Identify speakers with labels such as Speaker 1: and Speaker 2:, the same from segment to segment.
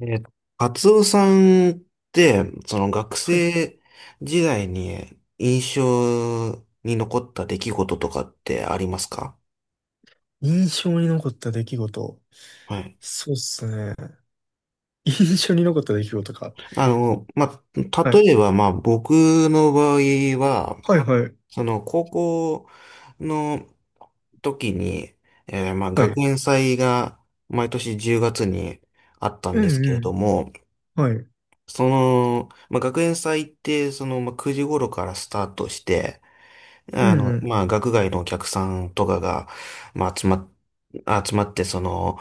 Speaker 1: えーと、カツオさんって、その学
Speaker 2: はい。
Speaker 1: 生時代に印象に残った出来事とかってありますか？
Speaker 2: 印象に残った出来事。
Speaker 1: はい。
Speaker 2: そうっすね。印象に残った出来事か。
Speaker 1: まあ、
Speaker 2: はい。
Speaker 1: 例えば、まあ、僕の場合は、
Speaker 2: はいはい。
Speaker 1: 高校の時に、まあ、
Speaker 2: は
Speaker 1: 学
Speaker 2: い。
Speaker 1: 園祭が毎年10月にあったん
Speaker 2: う
Speaker 1: ですけ
Speaker 2: んう
Speaker 1: れど
Speaker 2: ん。
Speaker 1: も、
Speaker 2: はい。うん
Speaker 1: まあ、学園祭って、まあ、9時頃からスタートして、
Speaker 2: うん。
Speaker 1: まあ、学外のお客さんとかが、まあ、集まって、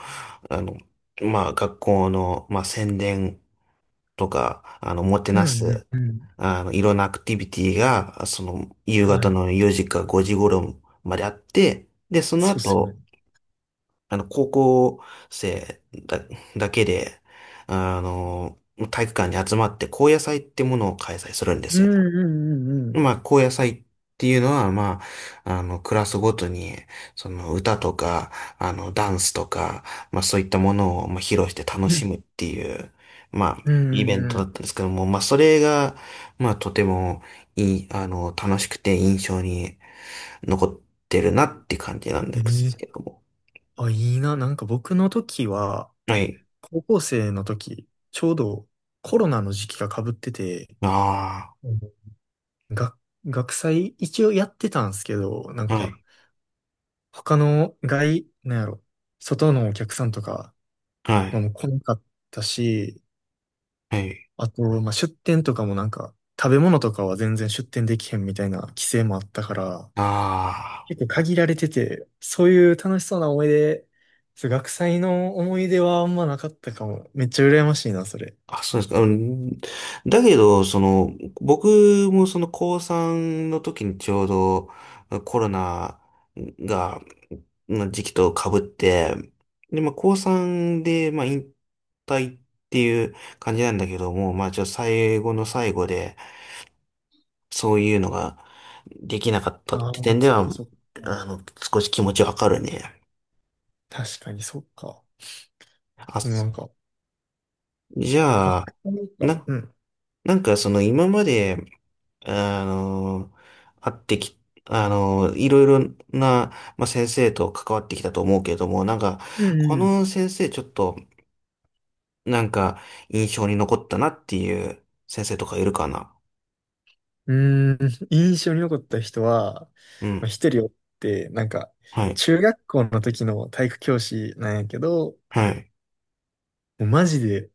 Speaker 1: あの、まあ、学校の、まあ、宣伝とか、もて
Speaker 2: う
Speaker 1: な
Speaker 2: ん
Speaker 1: す、
Speaker 2: うんうん。
Speaker 1: いろんなアクティビティが、夕
Speaker 2: は
Speaker 1: 方
Speaker 2: い。
Speaker 1: の4時か5時頃まであって、で、その
Speaker 2: そうっすよ
Speaker 1: 後、
Speaker 2: ね。
Speaker 1: 高校生だけで、あの、体育館に集まって、高野祭ってものを開催するんで
Speaker 2: う
Speaker 1: すよ。
Speaker 2: んうんうんう
Speaker 1: ま
Speaker 2: ん。
Speaker 1: あ、高野祭っていうのは、まあ、クラスごとに、その歌とか、ダンスとか、まあ、そういったものを、まあ、披露して楽
Speaker 2: う
Speaker 1: し
Speaker 2: ん
Speaker 1: むっていう、まあ、
Speaker 2: う
Speaker 1: イ
Speaker 2: ん
Speaker 1: ベン
Speaker 2: う
Speaker 1: トだ
Speaker 2: ん
Speaker 1: ったんですけども、まあ、それが、まあ、とてもいい、楽しくて印象に残ってるなって感じなん
Speaker 2: う
Speaker 1: で
Speaker 2: ん。え
Speaker 1: す
Speaker 2: え。
Speaker 1: けども。
Speaker 2: あ、いいな。なんか僕の時は、
Speaker 1: はい。
Speaker 2: 高校生の時、ちょうどコロナの時期が被ってて、
Speaker 1: あ
Speaker 2: うん、学、学祭一応やってたんですけど、なん
Speaker 1: あ、はい、
Speaker 2: か、他の外、なんやろ、外のお客さんとか、
Speaker 1: は
Speaker 2: まあ、
Speaker 1: い、
Speaker 2: もう来なかったし、
Speaker 1: はい、
Speaker 2: あと、まあ、出店とかもなんか、食べ物とかは全然出店できへんみたいな規制もあったから、
Speaker 1: ああ。
Speaker 2: 結構限られてて、そういう楽しそうな思い出、そう学祭の思い出はあんまなかったかも。めっちゃ羨ましいな、それ。
Speaker 1: あ、そうですか。うん、だけど、僕もその高3の時にちょうどコロナが、の時期と被って、で、まあ高3で、まあ引退っていう感じなんだけども、まあちょっと最後の最後で、そういうのができなかったっ
Speaker 2: ああ、
Speaker 1: て点で
Speaker 2: そっか
Speaker 1: は、
Speaker 2: そっか。
Speaker 1: あの、少し気持ちわかるね。
Speaker 2: 確かにそっか。
Speaker 1: あ、
Speaker 2: でもなんか、
Speaker 1: じゃ
Speaker 2: 学
Speaker 1: あ、
Speaker 2: 祭か。
Speaker 1: な、
Speaker 2: うん。
Speaker 1: なんかその今まで、あの、会ってき、あの、いろいろな、まあ、先生と関わってきたと思うけれども、なんか、
Speaker 2: う
Speaker 1: こ
Speaker 2: んうん。
Speaker 1: の先生ちょっと、なんか、印象に残ったなっていう先生とかいるかな？
Speaker 2: うーん、印象に残った人は、
Speaker 1: う
Speaker 2: まあ
Speaker 1: ん。
Speaker 2: 一人おって、なんか、
Speaker 1: はい。
Speaker 2: 中学校の時の体育教師なんやけど、
Speaker 1: はい。
Speaker 2: もうマジで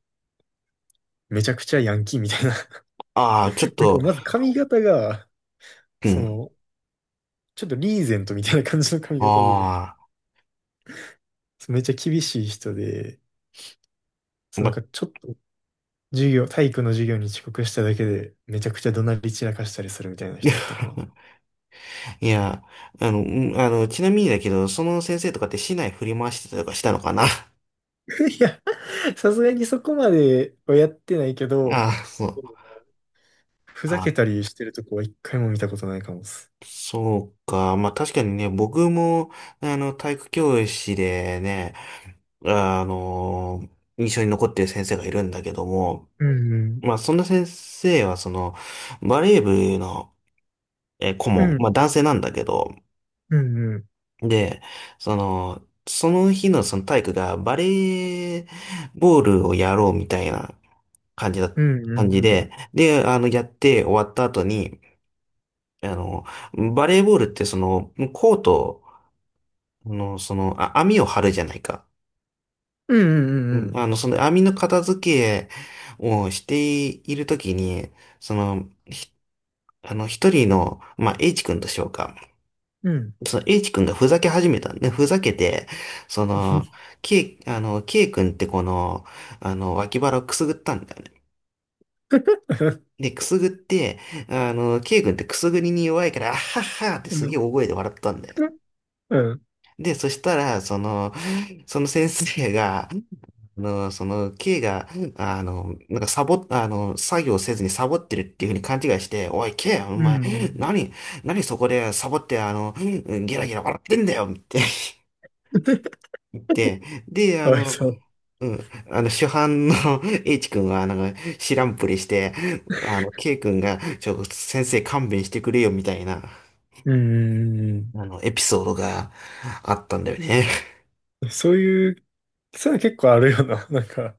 Speaker 2: めちゃくちゃヤンキーみたいな。
Speaker 1: ああ、ちょっ
Speaker 2: なんか
Speaker 1: と、
Speaker 2: まず髪型が、
Speaker 1: う
Speaker 2: そ
Speaker 1: ん。
Speaker 2: の、ちょっとリーゼントみたいな感じの髪型で、
Speaker 1: あ
Speaker 2: そうめっちゃ厳しい人で、
Speaker 1: あ、
Speaker 2: そうなん
Speaker 1: ま、
Speaker 2: かちょっと授業、体育の授業に遅刻しただけで、めちゃくちゃ怒鳴り散らかしたりするみたいな人やったかな。
Speaker 1: いや、うん、ちなみにだけど、その先生とかって市内振り回してたりとかしたのかな？
Speaker 2: いや、さすがにそこまではやってないけ
Speaker 1: あ
Speaker 2: ど、
Speaker 1: あ、そう。
Speaker 2: ふざけたりしてるとこは一回も見たことないかもっす。
Speaker 1: そうか。まあ確かにね、僕も、ね体育教師でね、あの、印象に残ってる先生がいるんだけども、
Speaker 2: うんうん。
Speaker 1: まあそんな先生は、バレー部の、顧
Speaker 2: う
Speaker 1: 問、
Speaker 2: ん
Speaker 1: まあ男性なんだけど、
Speaker 2: うん。
Speaker 1: で、その日のその体育がバレーボールをやろうみたいな感じだ、
Speaker 2: うんう
Speaker 1: 感
Speaker 2: ん
Speaker 1: じ
Speaker 2: うん。
Speaker 1: で、で、やって終わった後に、あの、バレーボールってコート、あ、網を張るじゃないか。
Speaker 2: うんうん
Speaker 1: う
Speaker 2: うん
Speaker 1: ん
Speaker 2: うん。
Speaker 1: その網の片付けをしているときに、その、ひあの、一人の、まあ、H 君としようか。
Speaker 2: うん。
Speaker 1: その H 君がふざけ始めたんで、ふざけて、その、K、あの、K 君ってこの、脇腹をくすぐったんだよね。で、くすぐって、K 君ってくすぐりに弱いから、あはっはって
Speaker 2: う
Speaker 1: すげえ
Speaker 2: ん。
Speaker 1: 大声で笑ったんだよ。
Speaker 2: う
Speaker 1: で、そしたら、その先生が、K が、なんかサボ、あの、作業せずにサボってるっていうふうに勘違いして、おい、K、お
Speaker 2: ん
Speaker 1: 前、
Speaker 2: うん。
Speaker 1: 何、何そこでサボって、ゲラゲラ笑ってんだよって 言って、で、あ
Speaker 2: かわい
Speaker 1: の、
Speaker 2: そう。
Speaker 1: うん、あの、主犯の H 君は、なんか、知らんぷりして、K 君が、先生勘弁してくれよみたいな、
Speaker 2: うんうん
Speaker 1: エピソードがあったんだよね。
Speaker 2: うん。そういう、そういうの結構あるよな。なんか、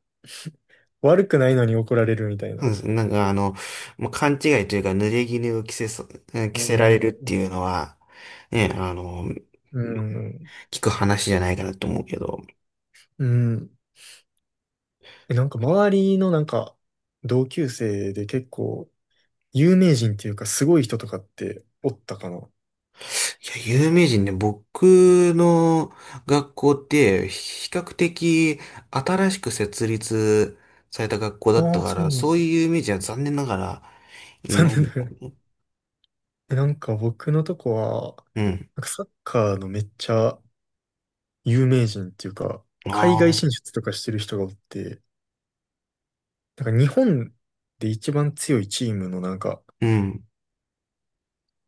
Speaker 2: 悪くないのに怒られるみたい
Speaker 1: そう
Speaker 2: な。
Speaker 1: ですなんかもう勘違いというか、濡れ衣を着
Speaker 2: う
Speaker 1: せられ
Speaker 2: ん
Speaker 1: るっていうのは、ね、
Speaker 2: うん。
Speaker 1: 聞く話じゃないかなと思うけど、
Speaker 2: うん。え、なんか周りのなんか、同級生で結構、有名人っていうかすごい人とかっておったかな。
Speaker 1: いや、有名人ね、僕の学校って比較的新しく設立された学校だっ
Speaker 2: あ
Speaker 1: た
Speaker 2: あ、
Speaker 1: か
Speaker 2: そう
Speaker 1: ら、
Speaker 2: なの？
Speaker 1: そうい う有名人は残念ながらい
Speaker 2: 残
Speaker 1: ない
Speaker 2: 念
Speaker 1: んだ。
Speaker 2: ながら。でなんか僕のとこは、
Speaker 1: うん。
Speaker 2: なんかサッカーのめっちゃ有名人っていうか、
Speaker 1: あ
Speaker 2: 海外
Speaker 1: あ、
Speaker 2: 進出とかしてる人がおって、なんか日本で一番強いチームのなんか、
Speaker 1: うん。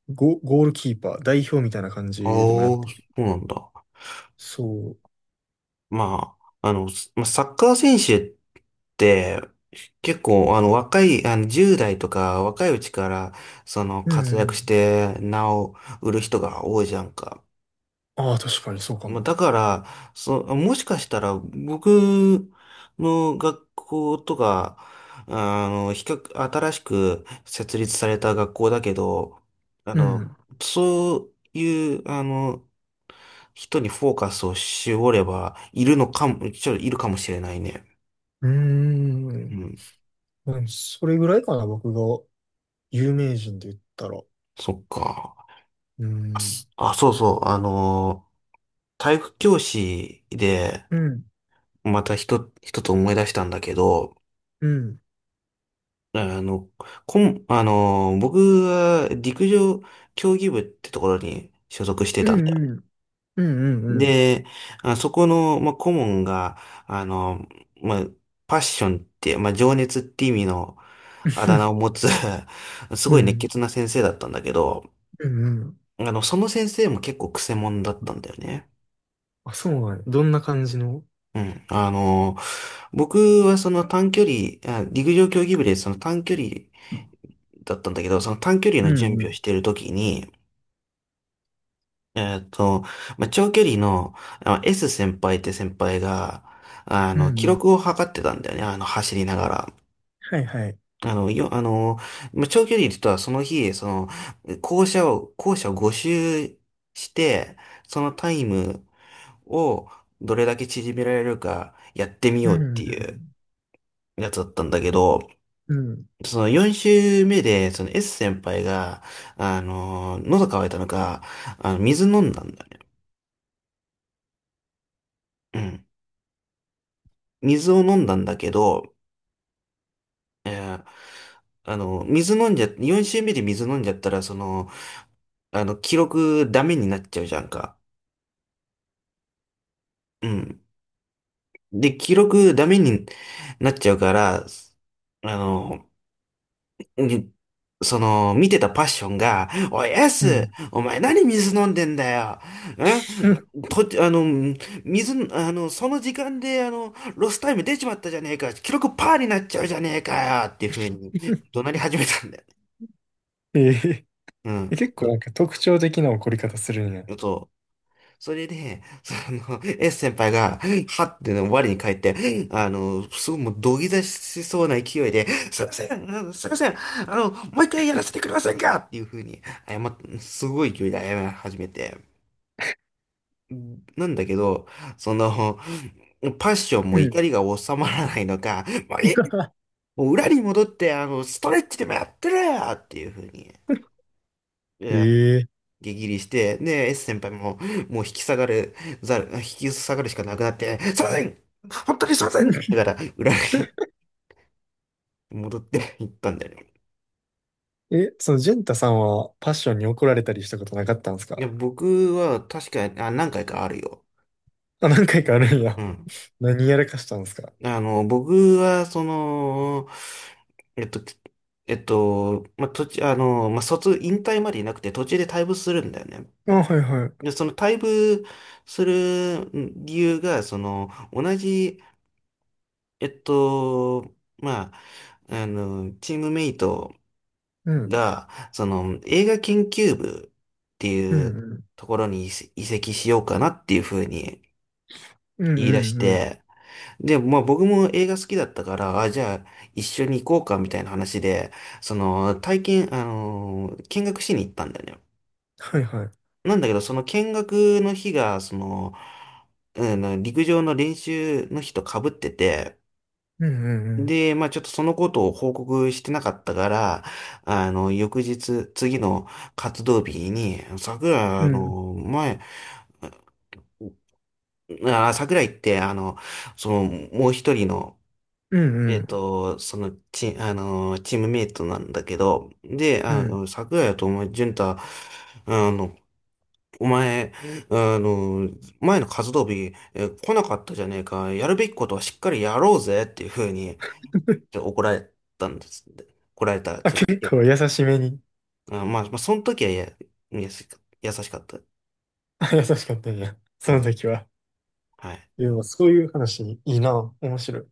Speaker 2: ゴールキーパー、代表みたいな感
Speaker 1: ああ、
Speaker 2: じでもやっ
Speaker 1: そ
Speaker 2: てる。
Speaker 1: うなんだ。
Speaker 2: そ
Speaker 1: まあ、まあ、サッカー選手って、結構、若い、10代とか、若いうちから、
Speaker 2: う。うん
Speaker 1: 活
Speaker 2: う
Speaker 1: 躍し
Speaker 2: ん。
Speaker 1: て、名を売る人が多いじゃんか。
Speaker 2: ああ、確かにそうか
Speaker 1: まあ、
Speaker 2: も。
Speaker 1: だから、もしかしたら、僕の学校とか、新しく設立された学校だけど、あ
Speaker 2: うん。
Speaker 1: の、
Speaker 2: う
Speaker 1: そういう、人にフォーカスを絞れば、いるのかも、ちょっといるかもしれないね。
Speaker 2: ー
Speaker 1: う
Speaker 2: ん。
Speaker 1: ん。
Speaker 2: うん、それぐらいかな、僕が有名人で言ったら。
Speaker 1: そっか。
Speaker 2: う
Speaker 1: あ、
Speaker 2: ん。
Speaker 1: そうそう。体育教師で、
Speaker 2: うん。
Speaker 1: また一つ思い出したんだけど、
Speaker 2: うん。
Speaker 1: あの、こん、あのー、僕は陸上競技部ってところに所属して
Speaker 2: う
Speaker 1: たんだよ。
Speaker 2: んうん。うんうんうん。
Speaker 1: で、あ、そこの、まあ、顧問が、あの、まあ、パッションって、まあ、情熱って意味のあだ名を 持つ す
Speaker 2: う
Speaker 1: ごい熱
Speaker 2: ん。
Speaker 1: 血な先生だったんだけど、
Speaker 2: うんうん。
Speaker 1: その先生も結構クセ者だったんだよね。
Speaker 2: あ、そうなんや。どんな感じの。
Speaker 1: うん。僕はその短距離、あ陸上競技部でその短距離だったんだけど、その短距離
Speaker 2: う
Speaker 1: の準
Speaker 2: んう
Speaker 1: 備をし
Speaker 2: ん。
Speaker 1: ているときに、えっと、まあ、長距離の、S 先輩って先輩が、
Speaker 2: うん
Speaker 1: 記
Speaker 2: うん。
Speaker 1: 録を測ってたんだよね、走りながら。
Speaker 2: はいはい。
Speaker 1: あの、よ、あの、まあ、長距離とはその日、校舎を5周して、そのタイムをどれだけ縮められるかやってみ
Speaker 2: う
Speaker 1: ようっ
Speaker 2: んう
Speaker 1: ていう
Speaker 2: ん。
Speaker 1: やつだったんだけど、
Speaker 2: うん
Speaker 1: その4周目で、その S 先輩が、喉乾いたのか、水飲んだんだよね。水を飲んだんだけど、えーあの、水飲んじゃ、4周目で水飲んじゃったら、記録ダメになっちゃうじゃんか。うん。で、記録ダメになっちゃうから、あの、にその、見てたパッションが、おい、エ
Speaker 2: う
Speaker 1: ス、
Speaker 2: ん。
Speaker 1: お前何水飲んでんだよ。んと、あの、水、あの、その時間で、ロスタイム出ちまったじゃねえか。記録パーになっちゃうじゃねえかよ。っていう風に怒 鳴り始めたんだよね。
Speaker 2: ええ
Speaker 1: う
Speaker 2: え、
Speaker 1: ん。
Speaker 2: 結構なんか特徴的な怒り方するんや。
Speaker 1: そう。それで、S 先輩が、はっての我に返って、すごいもう土下座しそうな勢いで、すいません、もう一回やらせてくれませんかっていう風にすごい勢いで謝り始めて。なんだけど、その、パッションも
Speaker 2: う
Speaker 1: 怒
Speaker 2: ん。
Speaker 1: りが収まらないのか、もうえ もう裏に戻って、ストレッチでもやってるよっていう風に。
Speaker 2: え
Speaker 1: 激ギリして、で、S 先輩も、もう引き下がるしかなくなって、すいません本当にすいませんだから、裏に戻って行ったんだよね。
Speaker 2: ええ、そのジェンタさんはパッションに怒られたりしたことなかったんです
Speaker 1: いや、
Speaker 2: か？
Speaker 1: 僕は確かに、あ、何回かあるよ。
Speaker 2: あ、何回かあるん
Speaker 1: う
Speaker 2: や。
Speaker 1: ん。
Speaker 2: 何やらかしたんですか？
Speaker 1: 僕は、えっと、まあ、途中、まあ、引退までいなくて途中で退部するんだよね。
Speaker 2: あ、はいは
Speaker 1: で、
Speaker 2: い。
Speaker 1: その退部する理由が、その、同じまあ、チームメイト
Speaker 2: うん。
Speaker 1: が、その、映画研究部って
Speaker 2: う
Speaker 1: いう
Speaker 2: んうん。
Speaker 1: ところに移籍しようかなっていうふうに
Speaker 2: うんう
Speaker 1: 言い出し
Speaker 2: んうん。
Speaker 1: て、で、まあ僕も映画好きだったから、あ、じゃあ一緒に行こうかみたいな話で、その、体験、あの、見学しに行ったんだよね。
Speaker 2: はいはい。
Speaker 1: なんだけど、その見学の日が、うん、陸上の練習の日と被ってて、
Speaker 2: うんうん
Speaker 1: で、まあちょっとそのことを報告してなかったから、翌日、次の活動日に、
Speaker 2: うん。うん。
Speaker 1: 桜井って、その、もう一人の、
Speaker 2: う
Speaker 1: え
Speaker 2: んう
Speaker 1: っ
Speaker 2: ん。
Speaker 1: と、その、チ、あの、チームメイトなんだけど、で、
Speaker 2: うん。
Speaker 1: 桜井とお前、潤太、あの、お前、あの、前の活動日、来なかったじゃねえか、やるべきことはしっかりやろうぜっていうふうに、ちょっと怒られたんです。で怒られたら、
Speaker 2: あ、
Speaker 1: ちょっと
Speaker 2: 結
Speaker 1: よ、
Speaker 2: 構優しめに。
Speaker 1: あ、まあ、まあ、その時は、いや優しかった。
Speaker 2: あ、優しかったんや。そ
Speaker 1: う
Speaker 2: の
Speaker 1: ん。
Speaker 2: 時は。
Speaker 1: はい。
Speaker 2: でもそういう話いいな。面白い。